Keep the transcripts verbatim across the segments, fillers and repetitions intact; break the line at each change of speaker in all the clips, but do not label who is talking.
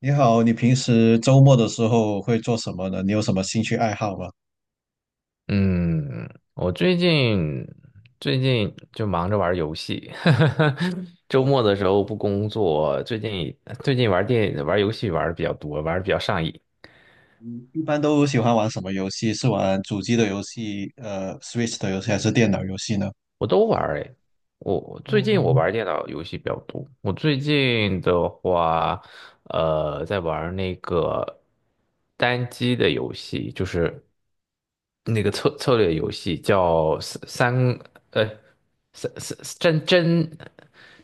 你好，你平时周末的时候会做什么呢？你有什么兴趣爱好吗？
嗯，我最近最近就忙着玩游戏，周
哦，
末的时候不工作，最近最近玩电玩游戏玩的比较多，玩的比较上瘾。
嗯，一般都喜欢玩什么游戏？是玩主机的游戏，呃，Switch 的游戏，还是电脑游戏呢？
我都玩儿诶，我我最近我玩
哦，
儿电脑游戏比较多。我最近的话，呃，在玩儿那个单机的游戏，就是那个策策略游戏，叫三三呃三三真真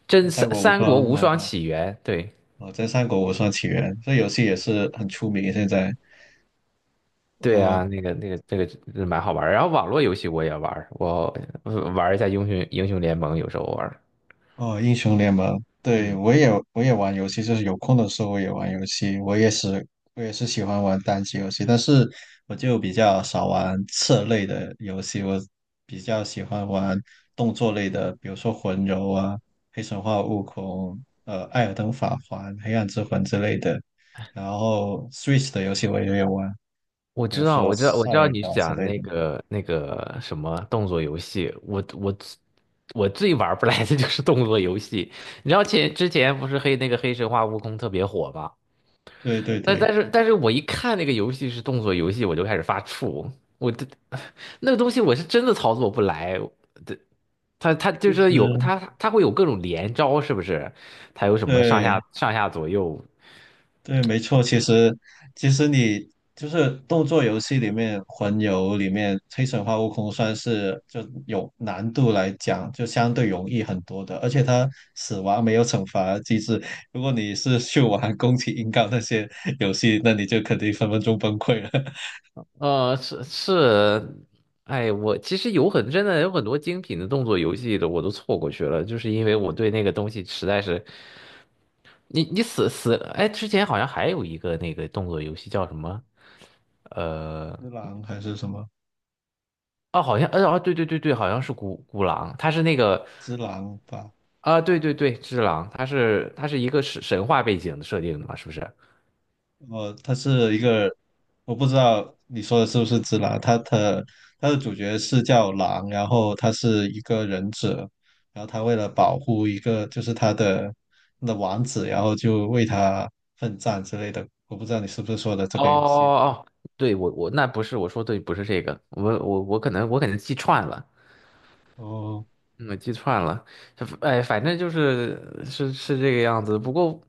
真
《三
三
国无
三国
双》
无双
啊，
起源。对
哦，在《三国无双起源》这游戏也是很出名，现在。
对
呃，
啊，那个那个那个蛮好玩儿。然后网络游戏我也玩儿，我呃玩儿一下英雄英雄联盟，有时候玩儿。
哦，英雄联盟，对，
嗯。
我也我也玩游戏，就是有空的时候我也玩游戏。我也是我也是喜欢玩单机游戏，但是我就比较少玩策类的游戏，我比较喜欢玩动作类的，比如说魂游啊、黑神话、悟空、呃、艾尔登法环、黑暗之魂之类的。然后 Switch 的游戏我也有玩，
我
比
知
如
道，
说
我知道，我
塞
知道
尔
你
达之
讲
类
那
的。
个那个什么动作游戏，我我我最玩不来的就是动作游戏。你知道前之前不是黑那个黑神话悟空特别火吗？
对对
但
对，
但是但是我一看那个游戏是动作游戏，我就开始发怵。我这 那个东西我是真的操作不来，这它它就是有
是，
它它会有各种连招，是不是？它有什么上下
对。
上下左右？
对，没错。其实，其实你就是动作游戏里面，魂游里面，黑神话悟空算是就有难度来讲，就相对容易很多的。而且它死亡没有惩罚机制。如果你是去玩宫崎英高那些游戏，那你就肯定分分钟崩溃了。
呃，是是，哎，我其实有很真的有很多精品的动作游戏的，我都错过去了，就是因为我对那个东西实在是，你你死死，哎，之前好像还有一个那个动作游戏叫什么？呃，
之狼还是什么？
哦，好像，呃，哦，对对对对，好像是孤孤狼，它是那个，
之狼吧，
啊、对对对，只狼，它是它是一个神神话背景的设定的嘛，是不是？
哦，他是一个，我不知道你说的是不是只狼，他的他的主角是叫狼，然后他是一个忍者，然后他为了保护一个就是他的他的王子，然后就为他奋战之类的。我不知道你是不是说的这
哦
个游戏。
哦哦，对我我那不是我说对，不是这个，我我我可能我可能记串了。
哦，
嗯，我记串了，这哎，反正就是是是这个样子。不过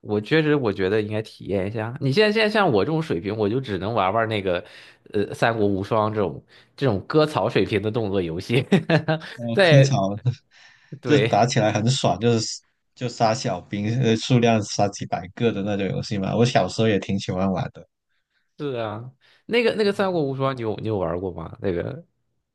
我确实我觉得应该体验一下。你现在现在像我这种水平，我就只能玩玩那个呃《三国无双》这种这种割草水平的动作游戏。
哦，科草
在，
就是
对，
打起来很爽，就是就杀小兵，呃，数量杀几百个的那种游戏嘛。我小时候也挺喜欢玩的。
是啊，那个那个《三国无双》，你有你有玩过吗？那个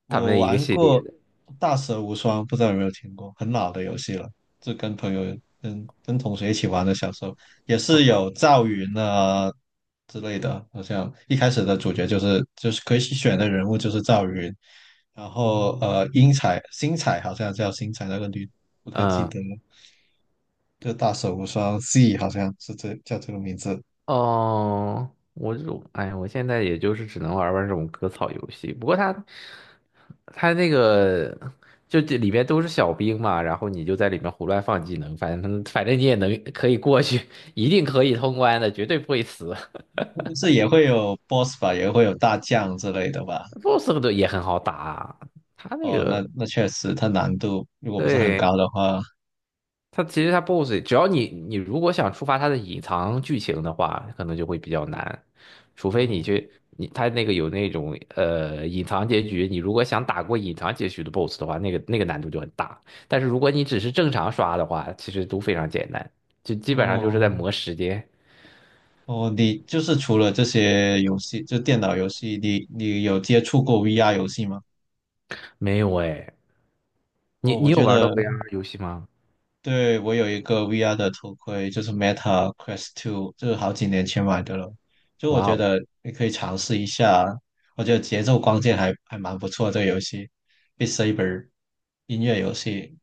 他们
我
的一个
玩
系列
过
的，
《大蛇无双》，不知道有没有听过，很老的游戏了，就跟朋友、跟跟同学一起玩的。小时候也是有赵云啊之类的，好像一开始的主角就是就是可以选的人物就是赵云，然后呃英彩、星彩好像叫星彩那个女，不太记
嗯。
得了。就《大蛇无双 C 好像是这叫这个名字，
哦，我就，哎，我现在也就是只能玩玩这种割草游戏。不过他，他那个就这里面都是小兵嘛，然后你就在里面胡乱放技能，反正反正你也能可以过去，一定可以通关的，绝对不会死。
但是也会有 BOSS 吧，也会有大将之类的吧。
BOSS 都也很好打啊，他那
哦，那
个，
那确实，它难度如果不是很
对。
高的话，
它其实它 BOSS,只要你你如果想触发它的隐藏剧情的话，可能就会比较难，除非你
哦
去，你它那个有那种呃隐藏结局，你如果想打过隐藏结局的 BOSS 的话，那个那个难度就很大。但是如果你只是正常刷的话，其实都非常简单，就基本上就是
哦
在磨时间。
哦，你就是除了这些游戏，就电脑游戏，你你有接触过 V R 游戏吗？
没有哎，你
哦，
你
我
有
觉
玩到
得
V R 游戏吗？
对，我有一个 V R 的头盔，就是 Meta Quest Two，就是好几年前买的了。就我
哇
觉
哦。
得你可以尝试一下，我觉得节奏光剑还还蛮不错，这个游戏 b e t Saber 音乐游戏，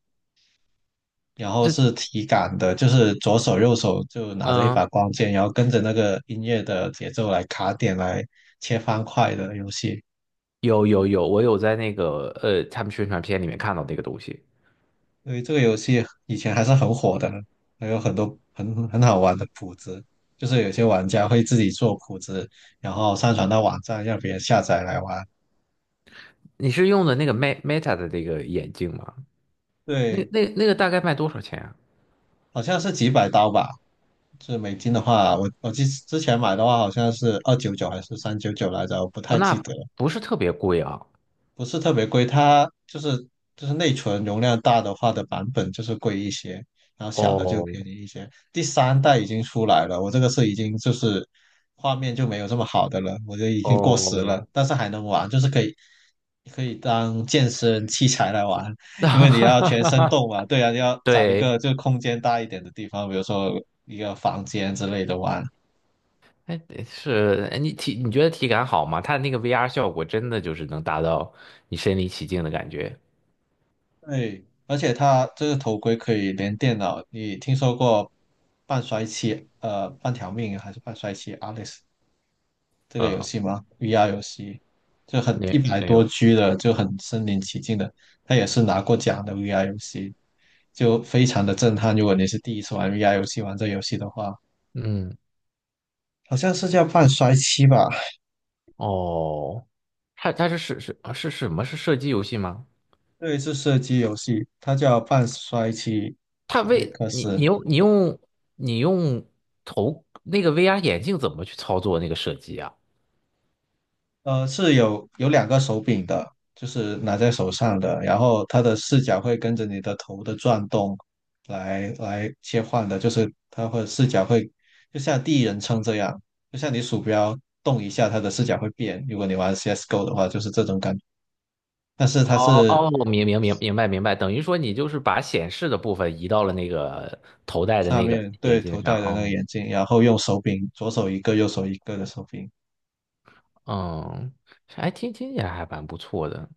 然后是
这，
体感的，就是左手右手就拿着一把
嗯，
光剑，然后跟着那个音乐的节奏来卡点来切方块的游戏。
有有有，我有在那个呃他们宣传片里面看到那个东西。
所以这个游戏以前还是很火的，还有很多很很好玩的谱子，就是有些玩家会自己做谱子，然后上传到网站让别人下载来玩。
你是用的那个 Me- Meta 的那个眼镜吗？那
对，
那那个大概卖多少钱啊？
好像是几百刀吧，就是美金的话，我我记之前买的话好像是二九九还是三九九来着，我不
哦，
太
那
记
不
得。
不是特别贵啊。
不是特别贵，它就是就是内存容量大的话的版本就是贵一些，然后小的就
哦
便宜一些。第三代已经出来了，我这个是已经就是画面就没有这么好的了，我就已经过时了，
哦，
但是还能玩，就是可以可以当健身器材来玩，因为你要全身 动嘛，对啊，你要找一
对，
个就空间大一点的地方，比如说一个房间之类的玩，
哎，是，哎你体你觉得体感好吗？它那个 V R 效果真的就是能达到你身临其境的感觉。
对，而且它这个头盔可以连电脑，你听说过半衰期呃半条命还是半衰期 Alice 这个游
呃，
戏吗？V R 游戏就很
没
一百
没
多
有，
G 的，就很身临其境的，它也是拿过奖的 V R 游戏，就非常的震撼。如果你是第一次玩 V R 游戏，玩这游戏的话，
嗯，
好像是叫半衰期吧？
哦，它它是是是啊是什么？是射击游戏吗？
对，是射击游戏，它叫半衰期
它
阿历
为
克
你你
斯。
用你用你用头那个 V R 眼镜怎么去操作那个射击啊？
呃，是有有两个手柄的，就是拿在手上的，然后它的视角会跟着你的头的转动来来切换的，就是它会视角会就像第一人称这样，就像你鼠标动一下，它的视角会变。如果你玩 C S:GO 的话，就是这种感觉。但是它
哦
是
哦，明明明明白明白，等于说你
对
就是把显示的部分移到了那个头戴的
上
那个
面
眼
对
镜
头
上。
戴的
哦，
那个眼镜，然后用手柄，左手一个，右手一个的手柄。
嗯，还听听起来还蛮不错的。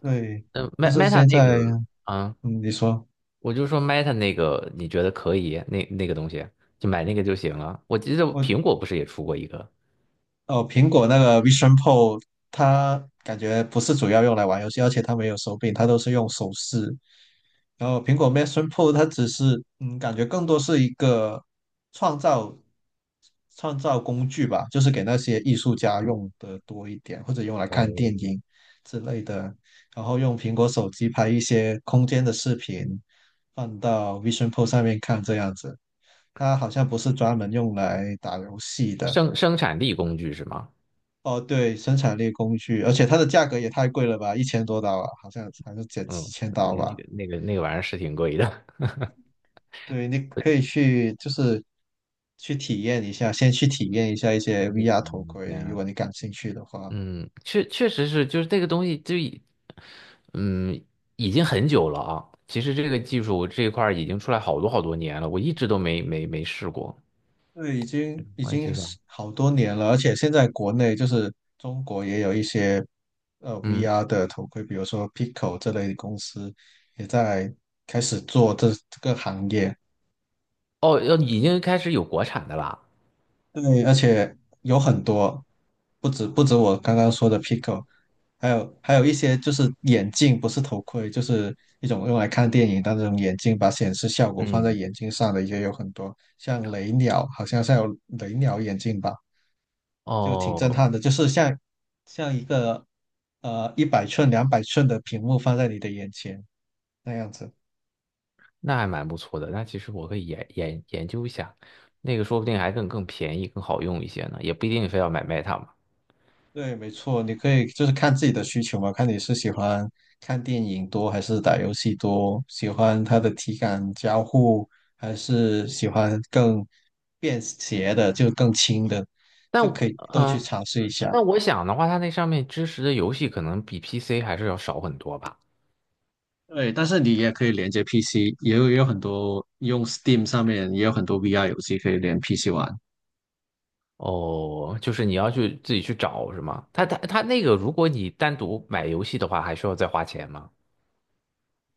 对，
嗯
但
，Me-
是
Meta
现
那
在，
个，啊，
嗯，你说。
我就说 Meta 那个，你觉得可以？那那个东西就买那个就行了。我记得
我
苹果不是也出过一个。
哦，苹果那个 Vision Pro，它感觉不是主要用来玩游戏，而且它没有手柄，它都是用手势。然后苹果 Vision Pro 它只是，嗯，感觉更多是一个创造创造工具吧，就是给那些艺术家用的多一点，或者用来
哦，
看电影之类的。然后用苹果手机拍一些空间的视频，放到 Vision Pro 上面看，这样子。它好像不是专门用来打游戏的。
生生产力工具是吗？
哦，对，生产力工具，而且它的价格也太贵了吧，一千多刀啊，好像还是几
嗯，
几千
那
刀
那
吧。
个那个那个玩意儿是挺贵的。
对，你可以去就是去体验一下，先去体验一下一些 V R 头盔，如
嗯
果你感兴趣的话。
嗯，确确实是，就是这个东西就已，嗯，已经很久了啊。其实这个技术这一块儿已经出来好多好多年了，我一直都没没没试过。
对，已经已
我也
经
挺
是
想，
好多年了，而且现在国内就是中国也有一些呃
嗯，
V R 的头盔，比如说 Pico 这类的公司也在开始做这这个行业。
哦，要已经开始有国产的啦。
对，而且有很多，不止不止我刚刚说的 Pico，还有还有一些就是眼镜，不是头盔，就是一种用来看电影的那种眼镜，把显示效果放在
嗯，
眼镜上的也有很多，像雷鸟，好像是有雷鸟眼镜吧，就挺震
哦，
撼的，就是像像一个呃一百寸、两百寸的屏幕放在你的眼前那样子。
那还蛮不错的。那其实我可以研研研究一下，那个说不定还更更便宜、更好用一些呢，也不一定非要买 Meta 嘛。
对，没错，你可以就是看自己的需求嘛，看你是喜欢看电影多还是打游戏多，喜欢它的体感交互，还是喜欢更便携的，就更轻的，就
但
可
我
以都去
嗯，
尝试一下。
但我想的话，它那上面支持的游戏可能比 P C 还是要少很多吧。
对，但是你也可以连接 P C，也有也有很多用 Steam 上面也有很多 V R 游戏可以连 P C 玩。
哦，就是你要去自己去找是吗？他他他那个，如果你单独买游戏的话，还需要再花钱吗？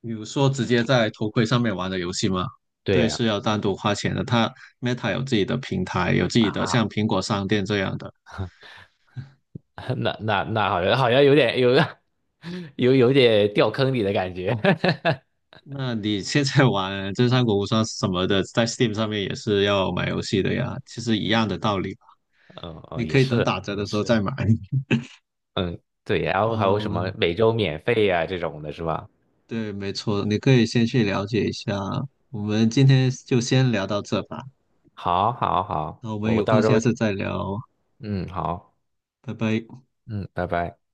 比如说直接在头盔上面玩的游戏吗？
对
对，
呀。
是要单独花钱的。它 Meta 有自己的平台，有自己的
啊，
像苹果商店这样的，
那那那好像好像有点有 有有点掉坑里的感觉。
那你现在玩《真三国无双》什么的，在 Steam 上面也是要买游戏的呀，其实一样的道理吧，
嗯
你
嗯，也
可以等
是
打折
也
的时候
是，
再买。
对。然后还有什么
嗯，
每周免费呀、这种的是吧？
对，没错，你可以先去了解一下。我们今天就先聊到这吧，
好，好，好，
那我们
我
有空
到时
下
候。
次再聊，
嗯好，
拜拜。
嗯，拜拜。